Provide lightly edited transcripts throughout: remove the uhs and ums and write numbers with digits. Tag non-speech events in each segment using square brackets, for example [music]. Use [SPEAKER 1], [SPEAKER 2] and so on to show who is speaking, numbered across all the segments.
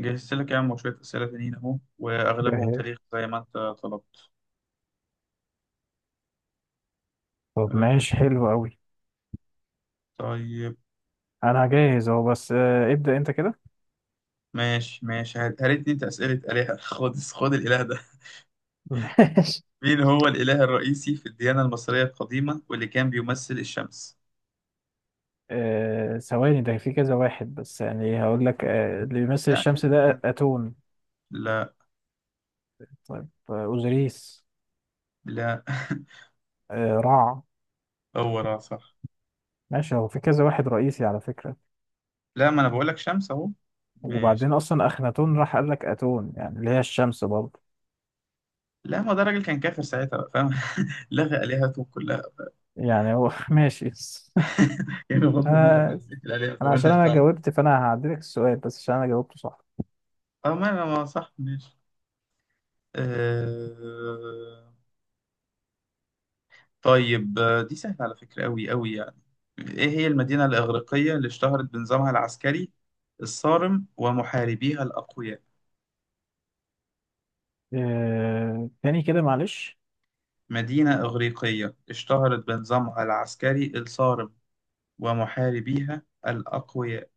[SPEAKER 1] جهزت لك يا عم شوية أسئلة تانيين أهو، وأغلبهم
[SPEAKER 2] جاهز.
[SPEAKER 1] تاريخ زي ما أنت طلبت.
[SPEAKER 2] طب
[SPEAKER 1] آه
[SPEAKER 2] ماشي حلو قوي.
[SPEAKER 1] طيب.
[SPEAKER 2] انا جاهز اهو بس، آه، ابدأ انت كده.
[SPEAKER 1] ماشي ماشي، هاتني أنت أسئلة آلهة [laughs] خد خد الإله ده.
[SPEAKER 2] [laughs] ماشي.
[SPEAKER 1] مين هو الإله الرئيسي في الديانة المصرية القديمة واللي كان بيمثل الشمس؟
[SPEAKER 2] ثواني، ده في كذا واحد بس يعني هقول لك اللي بيمثل
[SPEAKER 1] لا،
[SPEAKER 2] الشمس
[SPEAKER 1] كان
[SPEAKER 2] ده
[SPEAKER 1] كان
[SPEAKER 2] أتون.
[SPEAKER 1] لا،
[SPEAKER 2] طيب، أوزوريس.
[SPEAKER 1] لا. [laughs]
[SPEAKER 2] رع.
[SPEAKER 1] هو را، صح.
[SPEAKER 2] ماشي، هو في كذا واحد رئيسي على فكرة.
[SPEAKER 1] لا، ما أنا بقول لك شمس أهو. ماشي.
[SPEAKER 2] وبعدين أصلا أخناتون راح قال لك أتون يعني اللي هي الشمس برضه.
[SPEAKER 1] لا، ما ده راجل كان كافر ساعتها، بقى فاهم؟ [laughs] لغى آلهته كلها.
[SPEAKER 2] يعني هو [laughs] ماشي.
[SPEAKER 1] [laughs] يعني بغض النظر عن
[SPEAKER 2] آه،
[SPEAKER 1] بقية الآلهة،
[SPEAKER 2] أنا عشان
[SPEAKER 1] فمالناش
[SPEAKER 2] أنا
[SPEAKER 1] دعوة.
[SPEAKER 2] جاوبت فأنا هعدلك السؤال بس عشان أنا جاوبته صح.
[SPEAKER 1] أه، ما صح، ماشي. آه... طيب، دي سهلة على فكرة، أوي أوي يعني. إيه هي المدينة الإغريقية اللي اشتهرت بنظامها العسكري الصارم ومحاربيها الأقوياء؟
[SPEAKER 2] تاني كده معلش.
[SPEAKER 1] مدينة إغريقية اشتهرت بنظامها العسكري الصارم ومحاربيها الأقوياء.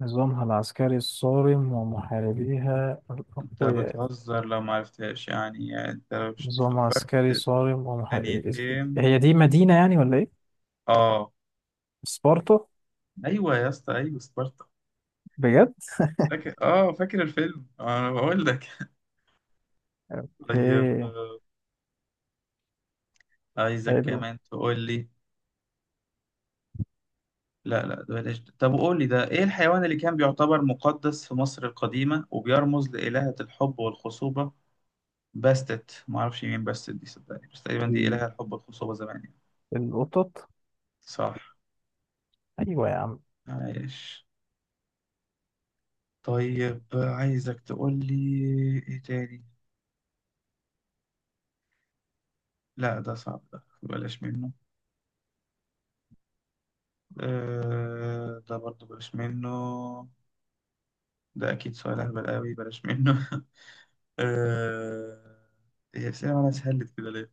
[SPEAKER 2] نظامها العسكري الصارم ومحاربيها
[SPEAKER 1] أنت
[SPEAKER 2] الأقوياء.
[SPEAKER 1] بتهزر لو معرفتهاش، يعني أنت لو مش
[SPEAKER 2] نظام
[SPEAKER 1] فكرت
[SPEAKER 2] عسكري
[SPEAKER 1] في
[SPEAKER 2] صارم ومحاربيها.
[SPEAKER 1] ثانيتين.
[SPEAKER 2] هي دي مدينة يعني ولا إيه؟
[SPEAKER 1] آه.
[SPEAKER 2] سبارتا.
[SPEAKER 1] أيوة يا اسطى، أيوة سبارتا.
[SPEAKER 2] بجد؟
[SPEAKER 1] فاكر الفيلم، أنا بقول لك. [laughs] طيب،
[SPEAKER 2] إيه
[SPEAKER 1] عايزك
[SPEAKER 2] حلو
[SPEAKER 1] كمان تقول لي. لا لا، ده بلاش ده. طب قول لي ده، ايه الحيوان اللي كان بيعتبر مقدس في مصر القديمة وبيرمز لإلهة الحب والخصوبة؟ باستت، ما اعرفش مين باستت دي، صدقني، بس تقريبا دي
[SPEAKER 2] ال-
[SPEAKER 1] إلهة الحب والخصوبة زمان يعني.
[SPEAKER 2] القطط.
[SPEAKER 1] صح،
[SPEAKER 2] أيوة يا عم.
[SPEAKER 1] عايش. طيب، عايزك تقول لي ايه تاني. لا ده صعب ده بلاش منه. ده برضو بلاش منه. ده اكيد سؤال اهبل قوي، بلاش منه. [laughs] آه إيه الأسئلة مالها سهلت كده ليه؟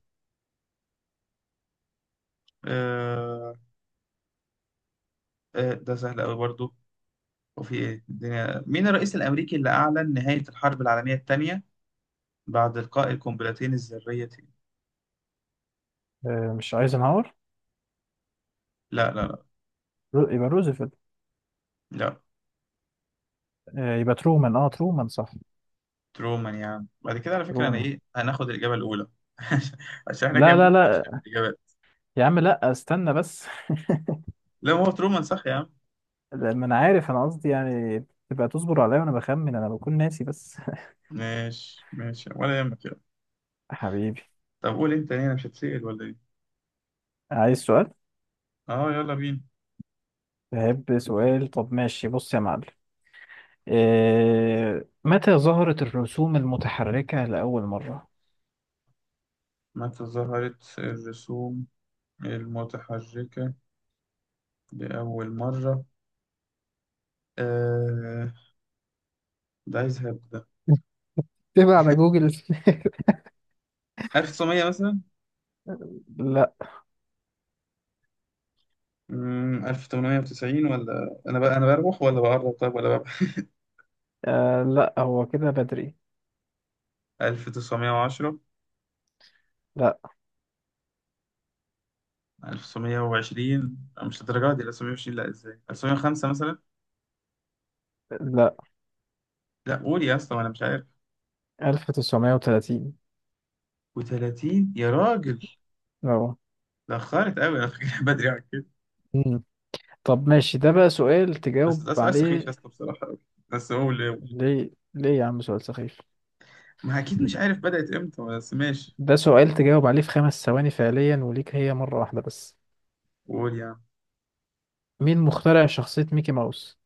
[SPEAKER 1] آه... ده سهل قوي برضو. وفي ايه الدنيا، مين الرئيس الامريكي اللي اعلن نهاية الحرب العالمية الثانية بعد القاء القنبلتين الذريتين؟
[SPEAKER 2] مش ايزنهاور.
[SPEAKER 1] لا، لا، لا.
[SPEAKER 2] يبقى روزفلت.
[SPEAKER 1] لا.
[SPEAKER 2] يبقى ترومان، ترومان صح.
[SPEAKER 1] ترومان يا عم، بعد كده على فكرة انا
[SPEAKER 2] ترومان.
[SPEAKER 1] ايه، هناخد الاجابة الاولى. [laughs] عشان احنا
[SPEAKER 2] لا
[SPEAKER 1] جايبين
[SPEAKER 2] لا
[SPEAKER 1] ماشية
[SPEAKER 2] لا،
[SPEAKER 1] في الاجابات.
[SPEAKER 2] يا عم لا استنى بس. [laughs]
[SPEAKER 1] لا، ما هو ترومان صح يا عم.
[SPEAKER 2] لا، ما انا عارف انا قصدي يعني. تبقى تصبر عليا وانا بخمن انا بكون ناسي بس. [laughs]
[SPEAKER 1] ماشي ماشي، ولا يهمك، يلا.
[SPEAKER 2] حبيبي.
[SPEAKER 1] طب قول انت ليه، انا مش هتسأل ولا ايه؟
[SPEAKER 2] عايز سؤال.
[SPEAKER 1] اه، يلا بينا.
[SPEAKER 2] بحب سؤال. طب ماشي بص يا معلم. إيه متى ظهرت الرسوم المتحركة لأول مرة؟
[SPEAKER 1] متى ظهرت الرسوم المتحركة لأول مرة؟ آه ده عايز هبدأ.
[SPEAKER 2] [laughs] تبع على جوجل.
[SPEAKER 1] 1900 مثلا.
[SPEAKER 2] [laughs] لا.
[SPEAKER 1] 1890، ولا انا بقى، انا بروح ولا بقرب، طيب ولا بقى؟
[SPEAKER 2] لا هو كده بدري.
[SPEAKER 1] 1910.
[SPEAKER 2] لا.
[SPEAKER 1] 1920. لا، مش الدرجة دي. 1920؟ لا، ازاي. 1905 مثلا.
[SPEAKER 2] لا،
[SPEAKER 1] لا قول يا اسطى، انا مش عارف.
[SPEAKER 2] 1930.
[SPEAKER 1] و30؟ يا راجل،
[SPEAKER 2] اه.
[SPEAKER 1] اتاخرت قوي، انا فاكر [laughs] بدري عن كده.
[SPEAKER 2] مم. طب ماشي ده بقى سؤال
[SPEAKER 1] بس
[SPEAKER 2] تجاوب
[SPEAKER 1] ده سؤال سخيف يا
[SPEAKER 2] عليه.
[SPEAKER 1] اسطى، بصراحة قوي. بس قول قول.
[SPEAKER 2] ليه ليه يا عم سؤال سخيف.
[SPEAKER 1] ما اكيد مش عارف بدأت امتى، بس ماشي.
[SPEAKER 2] ده سؤال تجاوب عليه في خمس ثواني فعليا وليك هي مرة واحدة بس.
[SPEAKER 1] قول يا عم.
[SPEAKER 2] مين مخترع شخصية ميكي ماوس؟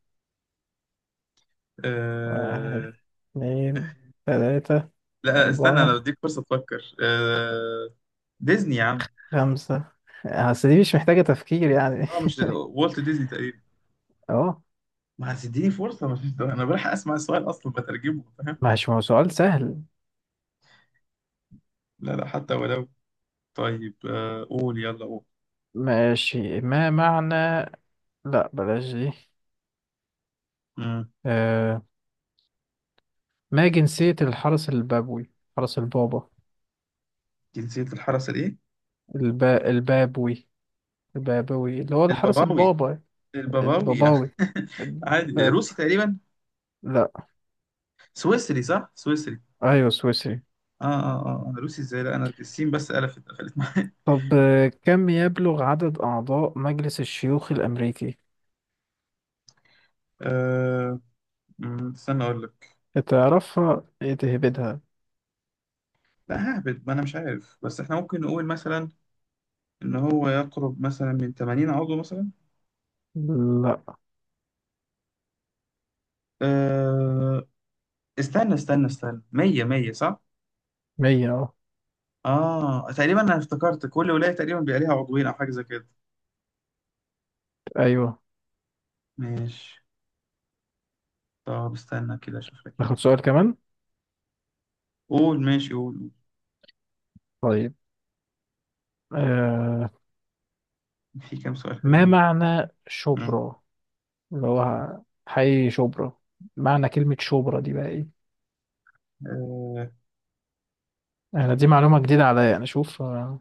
[SPEAKER 2] واحد،
[SPEAKER 1] أه...
[SPEAKER 2] اتنين، تلاتة،
[SPEAKER 1] لا لا، استنى، انا
[SPEAKER 2] أربعة،
[SPEAKER 1] بديك فرصة تفكر. ديزني يا عم.
[SPEAKER 2] خمسة. أصل دي مش محتاجة تفكير يعني.
[SPEAKER 1] اه
[SPEAKER 2] [laughs]
[SPEAKER 1] مش، والت ديزني تقريبا.
[SPEAKER 2] أهو.
[SPEAKER 1] ما هتديني فرصة، ما فيش ده. أنا بلحق أسمع السؤال أصلا بترجمه، فاهم؟
[SPEAKER 2] ماشي ما هو سؤال سهل.
[SPEAKER 1] لا لا، حتى ولو. طيب، قول يلا قول.
[SPEAKER 2] ماشي ما معنى. لا بلاش دي.
[SPEAKER 1] مم.
[SPEAKER 2] آه... ما جنسية الحرس البابوي؟ حرس البابا.
[SPEAKER 1] جنسية الحرس الإيه؟
[SPEAKER 2] البابوي. البابوي اللي هو الحرس
[SPEAKER 1] الباباوي.
[SPEAKER 2] البابا.
[SPEAKER 1] الباباوي.
[SPEAKER 2] الباباوي.
[SPEAKER 1] [laughs] عادي،
[SPEAKER 2] الباب...
[SPEAKER 1] روسي تقريبا.
[SPEAKER 2] لا.
[SPEAKER 1] سويسري صح؟ سويسري.
[SPEAKER 2] أيوة سويسري.
[SPEAKER 1] آه آه آه آه. أنا روسي إزاي؟ لا أنا السين بس قفلت معايا.
[SPEAKER 2] طب، كم يبلغ عدد أعضاء مجلس الشيوخ الأمريكي؟
[SPEAKER 1] [laughs] آه مم، استنى أقول لك.
[SPEAKER 2] تعرفها إيه تهبدها.
[SPEAKER 1] لا ههبد، ما أنا مش عارف، بس إحنا ممكن نقول مثلا إن هو يقرب مثلا من 80 عضو مثلا.
[SPEAKER 2] لا.
[SPEAKER 1] آه استنى استنى استنى، 100 100 صح؟
[SPEAKER 2] مية أهو.
[SPEAKER 1] اه تقريبا، انا افتكرت كل ولاية تقريبا بيبقى ليها عضوين او حاجة زي كده.
[SPEAKER 2] أيوة.
[SPEAKER 1] ماشي. طب استنى كده اشوف لك كام
[SPEAKER 2] ناخد
[SPEAKER 1] سؤال.
[SPEAKER 2] سؤال كمان.
[SPEAKER 1] قول ماشي قول.
[SPEAKER 2] طيب،
[SPEAKER 1] قول.
[SPEAKER 2] آه
[SPEAKER 1] في كام سؤال
[SPEAKER 2] ما
[SPEAKER 1] حلوين أهو.
[SPEAKER 2] معنى
[SPEAKER 1] مم.
[SPEAKER 2] شبرا؟ اللي هو حي شبرا. معنى كلمة شبرا دي بقى ايه؟
[SPEAKER 1] آه.
[SPEAKER 2] انا دي معلومة جديدة عليا، انا اشوف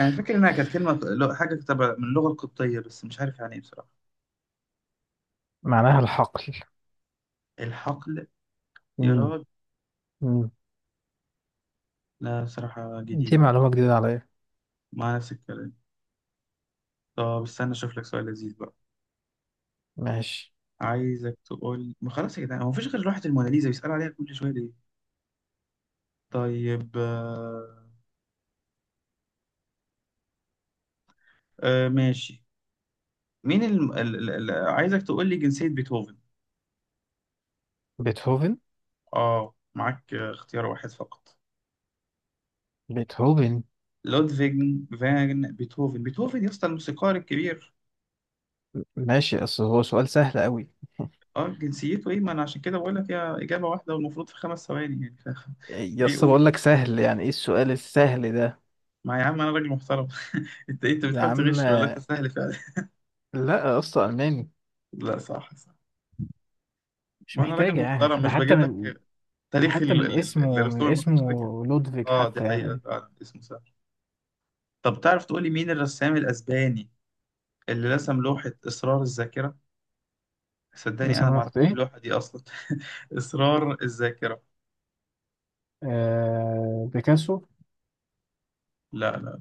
[SPEAKER 1] انا فاكر انها كانت كلمة حاجة تبع من اللغة القبطية، بس مش عارف يعني ايه بصراحة.
[SPEAKER 2] معناها الحقل.
[SPEAKER 1] الحقل. يا
[SPEAKER 2] مم.
[SPEAKER 1] راجل.
[SPEAKER 2] مم.
[SPEAKER 1] لا بصراحة
[SPEAKER 2] دي
[SPEAKER 1] جديدة، معرفش.
[SPEAKER 2] معلومة جديدة عليا.
[SPEAKER 1] مع نفس الكلام. طب استنى اشوف لك سؤال لذيذ بقى.
[SPEAKER 2] ماشي.
[SPEAKER 1] عايزك تقول، ما خلاص يا جدعان، هو مفيش غير لوحة الموناليزا بيسألوا عليها كل شوية ليه؟ طيب. آه. ماشي. مين عايزك تقول لي جنسية بيتهوفن.
[SPEAKER 2] بيتهوفن.
[SPEAKER 1] اه معاك، اختيار واحد فقط.
[SPEAKER 2] بيتهوفن.
[SPEAKER 1] لودفيج فان بيتهوفن. بيتهوفن يا اسطى، الموسيقار الكبير.
[SPEAKER 2] ماشي اصل هو سؤال سهل قوي.
[SPEAKER 1] اه جنسيته ايه؟ ما انا عشان كده بقول لك، هي اجابة واحدة والمفروض في 5 ثواني يعني، [laughs]
[SPEAKER 2] يا
[SPEAKER 1] ايه
[SPEAKER 2] اسطى بقول
[SPEAKER 1] قول.
[SPEAKER 2] لك سهل، يعني ايه السؤال السهل ده؟
[SPEAKER 1] ما يا عم انا راجل محترم. [laughs] انت إيه، انت
[SPEAKER 2] يا
[SPEAKER 1] بتحاول
[SPEAKER 2] عم.
[SPEAKER 1] تغش ولا انت سهل فعلا؟
[SPEAKER 2] لا يا اسطى، الماني.
[SPEAKER 1] [laughs] لا صح صح.
[SPEAKER 2] مش
[SPEAKER 1] ما انا راجل
[SPEAKER 2] محتاجة، يعني
[SPEAKER 1] محترم،
[SPEAKER 2] ده
[SPEAKER 1] مش
[SPEAKER 2] حتى
[SPEAKER 1] بجيب
[SPEAKER 2] من،
[SPEAKER 1] لك تاريخ
[SPEAKER 2] حتى من اسمه من
[SPEAKER 1] الرسوم
[SPEAKER 2] اسمه
[SPEAKER 1] المتحركة.
[SPEAKER 2] لودفيك
[SPEAKER 1] اه دي
[SPEAKER 2] حتى
[SPEAKER 1] حقيقة،
[SPEAKER 2] يعني.
[SPEAKER 1] فعلا اسمه سهل. طب تعرف تقول لي مين الرسام الاسباني اللي رسم لوحة إصرار الذاكرة؟
[SPEAKER 2] لو
[SPEAKER 1] صدقني انا ما اعرف
[SPEAKER 2] سمحت
[SPEAKER 1] ايه
[SPEAKER 2] ايه؟
[SPEAKER 1] اللوحه دي اصلا. [laughs] اسرار الذاكره.
[SPEAKER 2] بيكاسو.
[SPEAKER 1] لا، لا.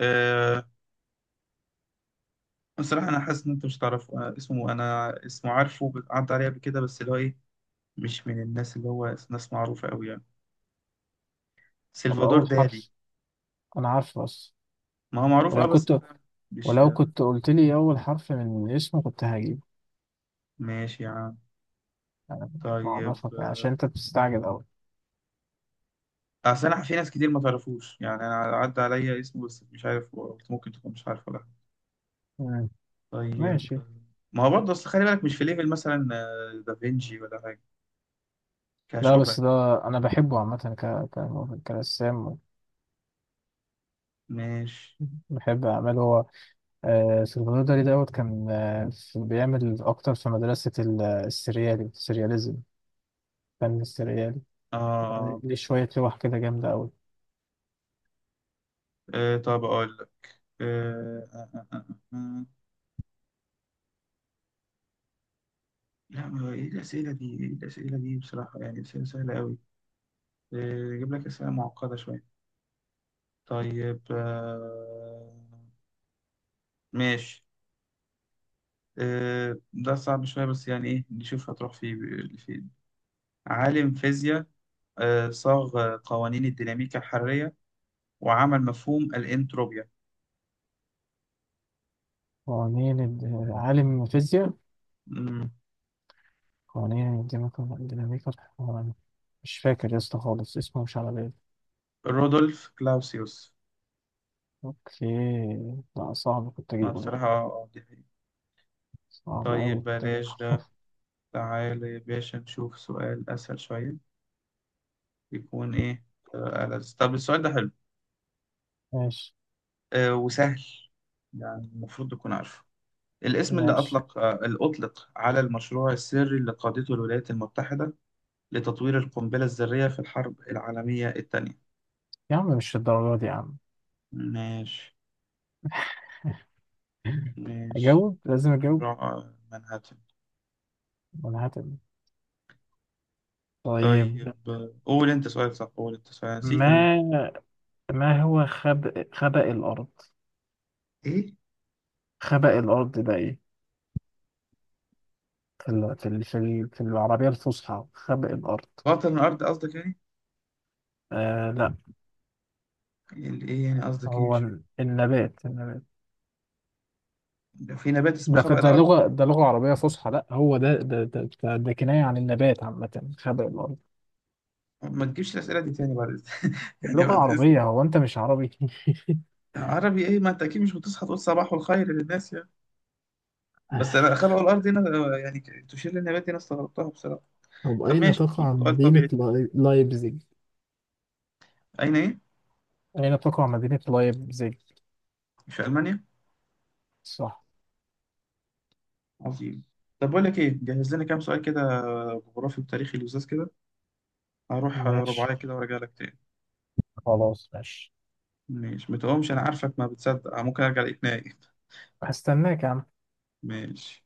[SPEAKER 1] أه بصراحه انا حاسس ان انت مش تعرفه. أنا اسمه عارفه، عدى عليه قبل كده، بس اللي هو ايه، مش من الناس اللي هو ناس معروفه قوي يعني.
[SPEAKER 2] طب
[SPEAKER 1] سلفادور
[SPEAKER 2] اول
[SPEAKER 1] دالي.
[SPEAKER 2] حرف. انا عارفه بس.
[SPEAKER 1] ما هو معروف، اه
[SPEAKER 2] ولو
[SPEAKER 1] بس
[SPEAKER 2] كنت،
[SPEAKER 1] فاهم. مش،
[SPEAKER 2] ولو كنت قلت لي اول حرف من اسمه كنت هجيب.
[SPEAKER 1] ماشي يا عم.
[SPEAKER 2] انا
[SPEAKER 1] طيب،
[SPEAKER 2] بعرفك يعني عشان انت بتستعجل قوي.
[SPEAKER 1] اصل انا في ناس كتير ما تعرفوش، يعني انا عدى عليا اسمه بس مش عارف، ممكن تكون مش عارفه، لا.
[SPEAKER 2] مم.
[SPEAKER 1] طيب.
[SPEAKER 2] ماشي.
[SPEAKER 1] آه، ما هو برضه اصل خلي بالك، مش في ليفل مثلا دافنشي ولا حاجه،
[SPEAKER 2] لا
[SPEAKER 1] كشهره
[SPEAKER 2] بس
[SPEAKER 1] يعني.
[SPEAKER 2] ده، انا بحبه عامه كرسام.
[SPEAKER 1] ماشي.
[SPEAKER 2] بحب اعماله هو. سلفادور دالي دوت كان بيعمل اكتر في مدرسه السريالي السرياليزم. فن السريالي.
[SPEAKER 1] آه
[SPEAKER 2] دي شوية لوح كده جامدة أوي.
[SPEAKER 1] طب أقول لك. آه آه آه آه. آه. آه. لا ما هو إيه الأسئلة دي؟ إيه الأسئلة دي بصراحة، يعني أسئلة سهلة أوي. أجيب لك أسئلة معقدة شوية. طيب. آه ماشي. ده صعب شوية، بس يعني إيه، نشوف هتروح في فين. عالم فيزياء، صاغ قوانين الديناميكا الحرارية، وعمل مفهوم الإنتروبيا.
[SPEAKER 2] عالم فيزياء.
[SPEAKER 1] مم.
[SPEAKER 2] قوانين الديناميكا الحرارية. مش فاكر يا اسطى خالص اسمه مش على بالي.
[SPEAKER 1] رودولف كلاوسيوس.
[SPEAKER 2] اوكي. لا صعب كنت
[SPEAKER 1] ما
[SPEAKER 2] اجيبه ده.
[SPEAKER 1] بصراحة، دي حقيقة.
[SPEAKER 2] صعب أوي
[SPEAKER 1] طيب
[SPEAKER 2] كنت اجيبه.
[SPEAKER 1] بلاش.
[SPEAKER 2] [laughs]
[SPEAKER 1] تعالى يا باشا نشوف سؤال أسهل شوية، يكون إيه. ألذ، طب السؤال ده حلو
[SPEAKER 2] ماشي
[SPEAKER 1] وسهل، يعني المفروض تكون عارفه. الاسم اللي
[SPEAKER 2] ماشي.
[SPEAKER 1] أطلق آه، اللي أطلق على المشروع السري اللي قادته الولايات المتحدة لتطوير القنبلة الذرية في الحرب العالمية الثانية.
[SPEAKER 2] يا عم مش الدرجة دي يا عم.
[SPEAKER 1] ماشي
[SPEAKER 2] [laughs]
[SPEAKER 1] ماشي.
[SPEAKER 2] أجاوب لازم أجاوب.
[SPEAKER 1] مشروع منهاتن.
[SPEAKER 2] وأنا هتم.
[SPEAKER 1] طيب،
[SPEAKER 2] طيب.
[SPEAKER 1] قول أنت سؤال، صح قول أنت سؤال، نسيت أنا.
[SPEAKER 2] ما ما هو خبأ الأرض.
[SPEAKER 1] إيه؟
[SPEAKER 2] خبأ الأرض ده إيه؟ في العربية الفصحى خبأ الأرض.
[SPEAKER 1] باطن الأرض قصدك يعني؟
[SPEAKER 2] لا،
[SPEAKER 1] إيه يعني قصدك إيه،
[SPEAKER 2] هو
[SPEAKER 1] مش فاهم.
[SPEAKER 2] النبات.
[SPEAKER 1] في نبات اسمه
[SPEAKER 2] ده في،
[SPEAKER 1] خبأ الأرض؟
[SPEAKER 2] ده لغة عربية فصحى. لا هو ده, كناية عن النبات عامة، خبق الأرض.
[SPEAKER 1] ما تجيبش الأسئلة دي تاني [laughs] يعني
[SPEAKER 2] لغة
[SPEAKER 1] بعد إذن.
[SPEAKER 2] عربية، هو أنت مش عربي؟ [laughs]
[SPEAKER 1] عربي إيه؟ ما أنت أكيد مش هتصحى تقول صباح الخير للناس يعني، بس أنا خلقوا الأرض هنا، يعني تشير للنبات دي، أنا استغربتها بصراحة.
[SPEAKER 2] طب
[SPEAKER 1] طب
[SPEAKER 2] أين
[SPEAKER 1] ماشي، قول
[SPEAKER 2] تقع
[SPEAKER 1] سؤال
[SPEAKER 2] مدينة
[SPEAKER 1] طبيعي.
[SPEAKER 2] لايبزيج؟
[SPEAKER 1] أين إيه؟
[SPEAKER 2] أين تقع مدينة لايبزيج.
[SPEAKER 1] في ألمانيا.
[SPEAKER 2] صح.
[SPEAKER 1] عظيم. طب بقول لك إيه، جهز لنا كام سؤال كده، جغرافي وتاريخي لزاز كده. هروح
[SPEAKER 2] ماشي
[SPEAKER 1] رباعية كده وأرجع لك تاني.
[SPEAKER 2] خلاص ماشي.
[SPEAKER 1] ماشي. ما تقومش، أنا عارفك ما بتصدق، ممكن أرجع ألاقيك نايم.
[SPEAKER 2] هستناك يا عم.
[SPEAKER 1] ماشي.